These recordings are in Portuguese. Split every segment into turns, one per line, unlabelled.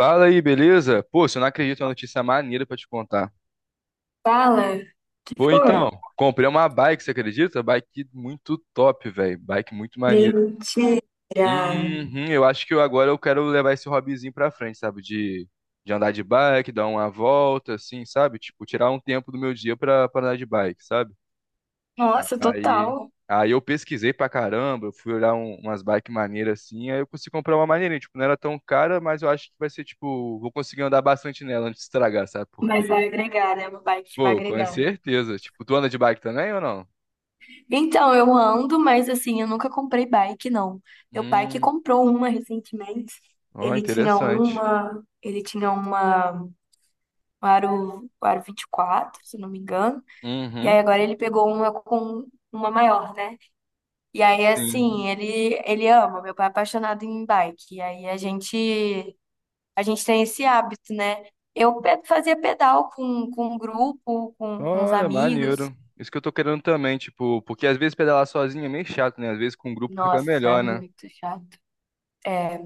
Fala aí, beleza? Pô, se eu não acredito, é uma notícia maneira pra te contar.
Fala,
Pô,
foi.
então, comprei uma bike, você acredita? Bike muito top, velho. Bike muito maneira.
Mentira.
Uhum, eu acho que eu, agora eu quero levar esse hobbyzinho pra frente, sabe? De andar de bike, dar uma volta, assim, sabe? Tipo, tirar um tempo do meu dia pra andar de bike, sabe?
Nossa,
Aí,
total.
aí eu pesquisei pra caramba, eu fui olhar umas bikes maneiras assim, aí eu consegui comprar uma maneirinha. Tipo, não era tão cara, mas eu acho que vai ser, tipo, vou conseguir andar bastante nela antes de estragar, sabe?
Mas
Porque
vai agregar, né? Uma bike que vai
pô, com
agregar. Né?
certeza. Tipo, tu anda de bike também ou não?
Então, eu ando, mas assim, eu nunca comprei bike, não. Meu pai que
Hum,
comprou uma recentemente.
ó,
Ele tinha
interessante.
uma, ele tinha uma um aro, um aro 24 se não me engano. E aí
Uhum,
agora ele pegou uma com uma maior, né? E aí
sim.
assim, ele ama, meu pai é apaixonado em bike. E aí A gente tem esse hábito, né? Fazia pedal com um grupo, com os
Olha,
amigos.
maneiro. Isso que eu tô querendo também, tipo, porque às vezes pedalar sozinho é meio chato, né? Às vezes com um grupo fica
Nossa, isso é
melhor, né?
muito chato. É,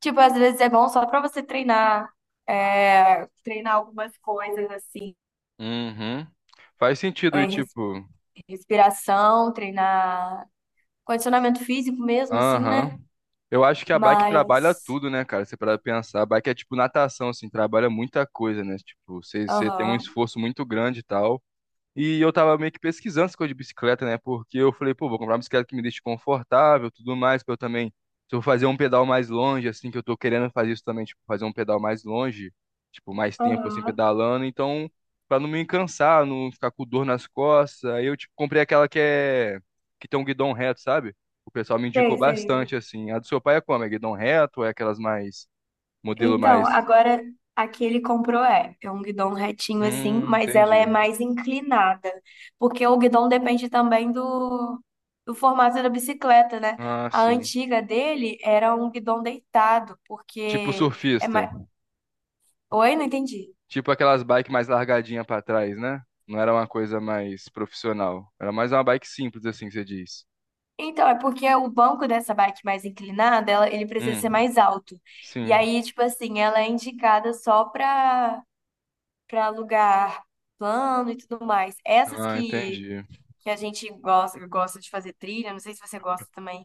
tipo, às vezes é bom só para você treinar, é, treinar algumas coisas assim,
Uhum. Faz sentido, e
é,
tipo,
respiração, treinar condicionamento físico mesmo, assim, né?
aham. Eu acho que a bike trabalha
Mas,
tudo, né, cara? Você para pensar, a bike é tipo natação, assim, trabalha muita coisa, né? Tipo, você tem um
aham.
esforço muito grande e tal. E eu tava meio que pesquisando essa coisa de bicicleta, né? Porque eu falei, pô, vou comprar uma bicicleta que me deixe confortável, tudo mais, pra eu também, se eu vou fazer um pedal mais longe, assim, que eu tô querendo fazer isso também, tipo, fazer um pedal mais longe, tipo, mais tempo, assim,
Aham,
pedalando, então, pra não me cansar, não ficar com dor nas costas, aí eu, tipo, comprei aquela que é, que tem um guidão reto, sabe? O pessoal me indicou
sei, sei.
bastante, assim. A do seu pai é como? É guidão reto ou é aquelas mais, modelo
Então,
mais...
agora a que ele comprou é um guidão retinho assim, mas ela é
Entendi.
mais inclinada, porque o guidão depende também do formato da bicicleta, né?
Ah,
A
sim.
antiga dele era um guidão deitado,
Tipo
porque é
surfista.
mais... Oi, não entendi.
Tipo aquelas bikes mais largadinha pra trás, né? Não era uma coisa mais profissional. Era mais uma bike simples, assim, que você diz.
Então, é porque o banco dessa bike mais inclinada, ela, ele precisa ser
Hum,
mais alto. E
sim.
aí, tipo assim, ela é indicada só para lugar plano e tudo mais. Essas
Ah,
que
entendi.
que a gente gosta, gosta de fazer trilha, não sei se você gosta também.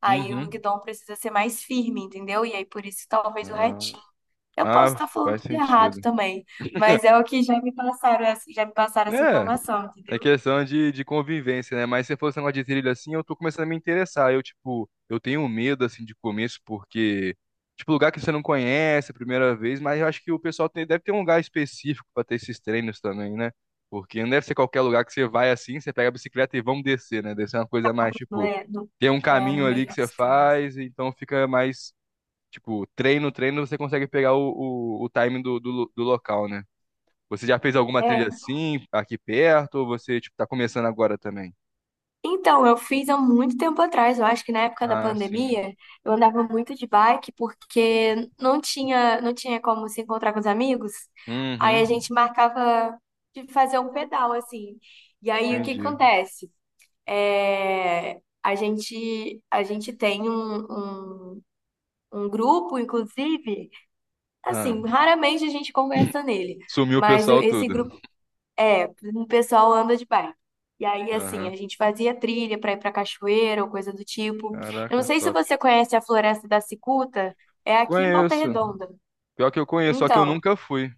Aí o
Uhum.
guidão precisa ser mais firme, entendeu? E aí por isso talvez o
Ah,
retinho. Eu posso
ah,
estar falando
faz
tudo errado
sentido.
também, mas é o que já me passaram, já me passaram essa
É,
informação, entendeu?
é questão de convivência, né? Mas se fosse esse negócio de trilha assim, eu tô começando a me interessar. Eu, tipo, eu tenho medo, assim, de começo, porque, tipo, lugar que você não conhece a primeira vez, mas eu acho que o pessoal deve ter um lugar específico pra ter esses treinos também, né? Porque não deve ser qualquer lugar que você vai assim, você pega a bicicleta e vamos descer, né? Deve ser uma coisa mais,
Não
tipo,
é- não-
tem um
é, no
caminho ali
meio
que você
dos campos.
faz, então fica mais, tipo, treino, você consegue pegar o timing do local, né? Você já fez alguma trilha assim, aqui perto, ou você, tipo, tá começando agora também?
Então, eu fiz há muito tempo atrás, eu acho que na época da
Ah, sim.
pandemia, eu andava muito de bike porque não tinha como se encontrar com os amigos. Aí a
Uhum,
gente marcava de fazer um pedal assim. E aí o que que
entendi.
acontece? É, a gente tem um, um grupo, inclusive,
Ah,
assim, raramente a gente conversa nele,
sumiu o
mas
pessoal
esse
tudo.
grupo é, o pessoal anda de bike. E aí, assim,
Aham.
a gente fazia trilha para ir para cachoeira ou coisa do tipo. Eu não
Caraca,
sei se
top.
você conhece a Floresta da Cicuta, é aqui em Volta
Conheço.
Redonda.
Pior que eu conheço, só que eu
Então,
nunca fui.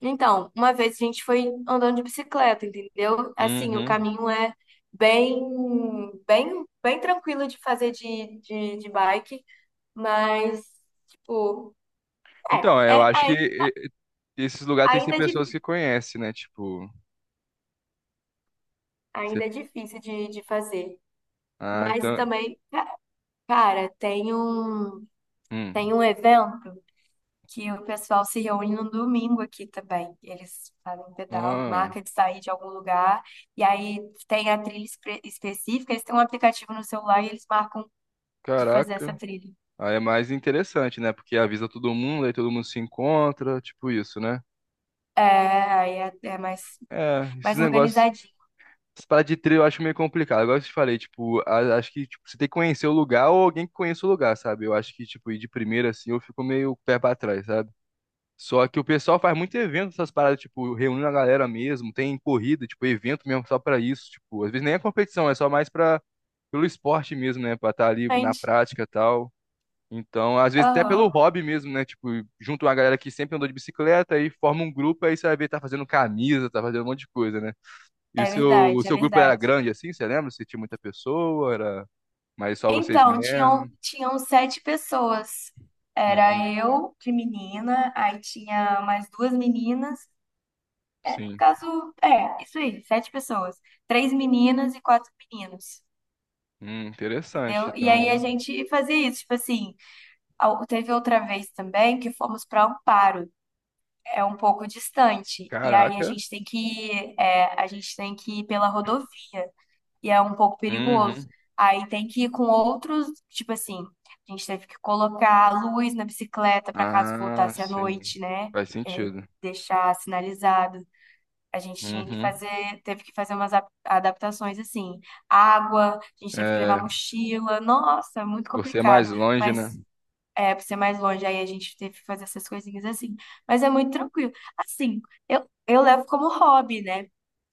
uma vez a gente foi andando de bicicleta, entendeu? Assim, o
Uhum.
caminho é bem, bem tranquilo de fazer de bike, mas, tipo,
Então, é,
é,
eu
é
acho que
ai-
esses lugares tem que ser
ainda é
pessoas
difícil,
que conhecem, né? Tipo, você...
ainda é difícil de fazer.
Ah,
Mas
então...
também, cara, tem um.
Hum.
Tem um evento que o pessoal se reúne no domingo aqui também. Eles fazem pedal,
Ah,
marca de sair de algum lugar, e aí tem a trilha específica, eles têm um aplicativo no celular e eles marcam de fazer essa
caraca.
trilha.
Aí é mais interessante, né? Porque avisa todo mundo, aí todo mundo se encontra, tipo isso, né?
É, aí é mais,
É, esses
mais
negócios...
organizadinho,
Essa parada de trilha eu acho meio complicado. Agora que eu te falei, tipo, acho que tipo, você tem que conhecer o lugar ou alguém que conheça o lugar, sabe? Eu acho que, tipo, ir de primeira assim, eu fico meio pé pra trás, sabe? Só que o pessoal faz muito evento, essas paradas, tipo, reunindo a galera mesmo, tem corrida, tipo, evento mesmo só pra isso, tipo, às vezes nem é competição, é só mais pra, pelo esporte mesmo, né? Pra estar ali na
gente.
prática e tal. Então, às vezes até pelo
Aham,
hobby mesmo, né? Tipo, junto uma galera que sempre andou de bicicleta e forma um grupo, aí você vai ver, tá fazendo camisa, tá fazendo um monte de coisa, né? E o
é
seu, o
verdade, é
seu grupo era
verdade.
grande assim, você lembra? Você tinha muita pessoa, era mais só vocês
Então, tinham,
mesmo?
tinham 7 pessoas.
Hum,
Era eu, de menina, aí tinha mais duas meninas.
sim.
Caso, é, isso aí, 7 pessoas. Três meninas e 4 meninos.
Interessante.
Entendeu? E aí a
Então,
gente fazia isso, tipo assim, teve outra vez também que fomos para Amparo, é um pouco distante, e aí
caraca.
a gente tem que ir pela rodovia, e é um pouco perigoso.
Uhum.
Aí tem que ir com outros, tipo assim, a gente teve que colocar a luz na bicicleta para caso
Ah,
voltasse à
sim.
noite, né?
Faz
É,
sentido.
deixar sinalizado. A gente tinha que
Uhum.
fazer, teve que fazer umas adaptações assim, água, a gente teve que levar
É,
mochila, nossa, é muito
você é
complicado.
mais longe, né?
Mas é, pra ser mais longe, aí a gente teve que fazer essas coisinhas assim. Mas é muito tranquilo. Assim, eu levo como hobby, né?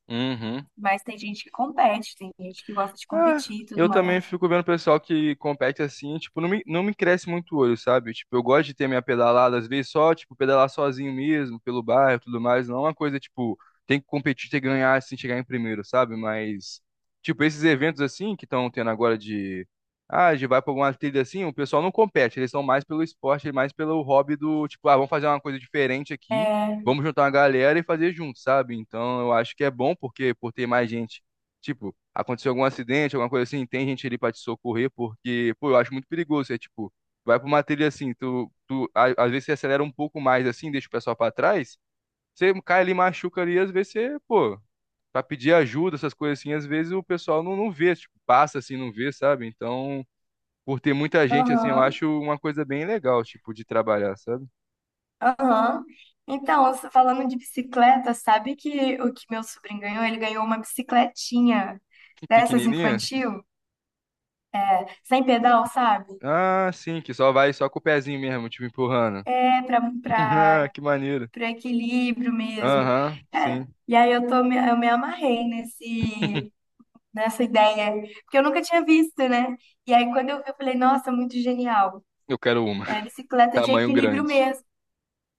Uhum.
Mas tem gente que compete, tem gente que gosta de
É,
competir e tudo
eu também
mais.
fico vendo o pessoal que compete assim, tipo, não me cresce muito o olho, sabe? Tipo, eu gosto de ter minha pedalada, às vezes só, tipo, pedalar sozinho mesmo, pelo bairro e tudo mais, não é uma coisa, tipo, tem que competir, tem que ganhar, assim, chegar em primeiro, sabe? Mas, tipo, esses eventos assim que estão tendo agora de, ah, de vai pra alguma trilha assim, o pessoal não compete, eles são mais pelo esporte, mais pelo hobby do, tipo, ah, vamos fazer uma coisa diferente aqui,
É,
vamos juntar uma galera e fazer junto, sabe? Então, eu acho que é bom porque, por ter mais gente, tipo, aconteceu algum acidente, alguma coisa assim, tem gente ali pra te socorrer, porque, pô, eu acho muito perigoso. É tipo, vai pra uma trilha assim, às vezes você acelera um pouco mais assim, deixa o pessoal pra trás, você cai ali, machuca ali, às vezes você, pô, pra pedir ajuda, essas coisas assim, às vezes o pessoal não vê, tipo, passa assim, não vê, sabe? Então, por ter muita gente assim, eu
aham,
acho uma coisa bem legal, tipo, de trabalhar, sabe?
aham. Então, você falando de bicicleta, sabe que o que meu sobrinho ganhou? Ele ganhou uma bicicletinha dessas
Pequenininha.
infantil. Sem pedal, sabe?
Ah, sim, que só vai só com o pezinho mesmo, tipo, empurrando.
É
Ah, que maneiro.
pra equilíbrio mesmo.
Aham,
Cara,
sim.
e aí eu me amarrei nessa ideia, porque eu nunca tinha visto, né? E aí quando eu vi, eu falei, nossa, muito genial.
Eu quero uma.
É bicicleta de
Tamanho
equilíbrio
grande.
mesmo.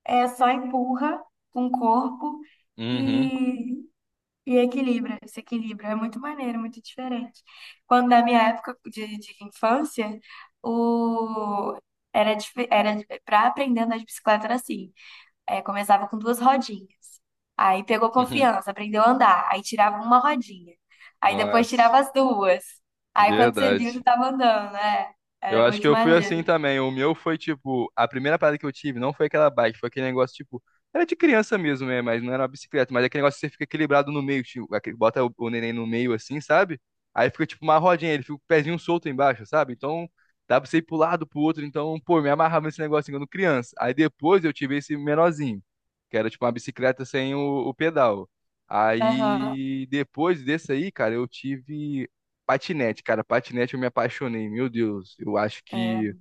É só empurra com o corpo
Uhum,
e, e equilibra, se equilibra. É muito maneiro, muito diferente. Quando na minha época de infância, o, era para aprender a andar de bicicleta era assim. É, começava com duas rodinhas. Aí pegou
uhum.
confiança, aprendeu a andar. Aí tirava uma rodinha. Aí depois
Nossa,
tirava as duas. Aí quando você viu,
verdade.
você tava andando, né?
Eu
Era
acho que
muito
eu fui
maneiro.
assim também. O meu foi tipo, a primeira parada que eu tive não foi aquela bike, foi aquele negócio tipo, era de criança mesmo, né? Mas não era uma bicicleta, mas é aquele negócio que você fica equilibrado no meio, tipo, aquele- bota o neném no meio assim, sabe? Aí fica tipo uma rodinha, ele fica com o pezinho solto embaixo, sabe? Então dá pra você ir pro lado, pro outro. Então, pô, me amarrava nesse negócio assim, quando criança. Aí depois eu tive esse menorzinho, que era tipo uma bicicleta sem o pedal.
Aham,
Aí depois desse aí, cara, eu tive. Patinete, cara, patinete eu me apaixonei, meu Deus. Eu acho
é.
que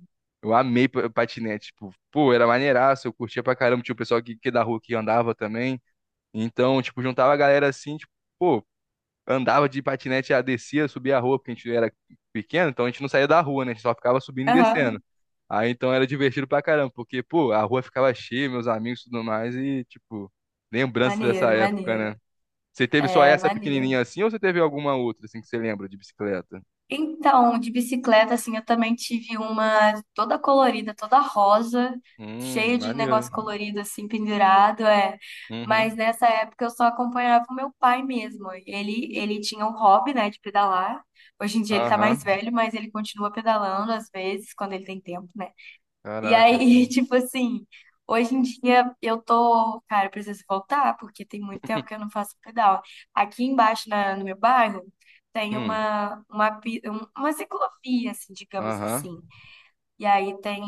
eu amei patinete, tipo, pô, era maneiraço, eu curtia pra caramba, tinha o pessoal que da rua que andava também. Então, tipo, juntava a galera assim, tipo, pô, andava de patinete, já descia, subia a rua, porque a gente era pequeno, então a gente não saía da rua, né? A gente só ficava subindo e
Aham.
descendo. Aí então era divertido pra caramba, porque, pô, a rua ficava cheia, meus amigos e tudo mais, e, tipo, lembranças dessa
Maneiro,
época,
maneiro.
né? Você teve só
É,
essa
maneiro.
pequenininha assim ou você teve alguma outra assim que você lembra de bicicleta?
Então, de bicicleta, assim, eu também tive uma toda colorida, toda rosa, cheia de
Maneiro.
negócio colorido, assim, pendurado, é.
Uhum.
Mas nessa época eu só acompanhava o meu pai mesmo. Ele tinha um hobby, né, de pedalar. Hoje em dia ele tá mais
Aham.
velho, mas ele continua pedalando às vezes, quando ele tem tempo, né? E
Caraca,
aí,
sim.
tipo assim, hoje em dia eu tô, cara, eu preciso voltar, porque tem muito tempo que eu não faço pedal. Aqui embaixo no meu bairro tem
Hum.
uma ciclovia, assim, digamos
Aham.
assim. E aí tem,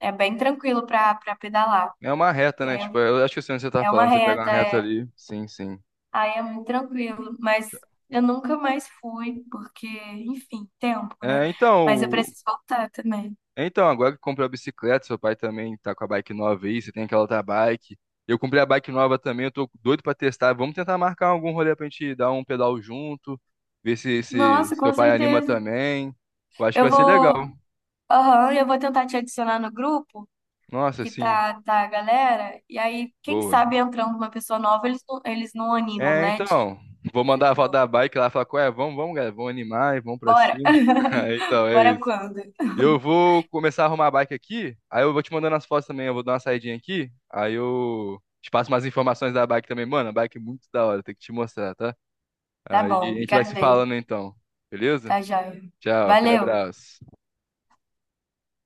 é bem tranquilo pra pedalar.
É uma reta,
E
né?
aí
Tipo,
eu-
eu acho que eu sei onde você tá
é uma
falando. Você pega uma
reta,
reta
é,
ali. Sim, sim.
aí é muito tranquilo, mas eu nunca mais fui, porque, enfim, tempo, né?
É, então,
Mas eu preciso voltar também.
então, agora que comprou a bicicleta, seu pai também tá com a bike nova aí, você tem aquela outra bike. Eu comprei a bike nova também, eu tô doido pra testar. Vamos tentar marcar algum rolê pra gente dar um pedal junto, ver se
Nossa,
seu
com
pai anima
certeza.
também. Eu acho que
Eu
vai ser legal.
vou. Aham, eu vou tentar te adicionar no grupo,
Nossa,
que
sim,
tá a galera, e aí, quem
boa.
sabe entrando uma pessoa nova, eles não animam,
É,
né, de
então, vou
fazer
mandar a
de
avó
novo.
da bike lá falar, ué, vamos, vamos, galera, vamos animar, e vamos pra
Bora!
cima. Aí, então, é
Bora
isso.
quando?
Eu vou começar a arrumar a bike aqui, aí eu vou te mandando as fotos também, eu vou dar uma saidinha aqui, aí eu te passo umas informações da bike também. Mano, a bike é muito da hora, tem que te mostrar, tá?
Tá
Aí
bom,
a
eu
gente vai
quero
se
ver.
falando então, beleza?
Tá joia.
Tchau, aquele
Valeu!
abraço.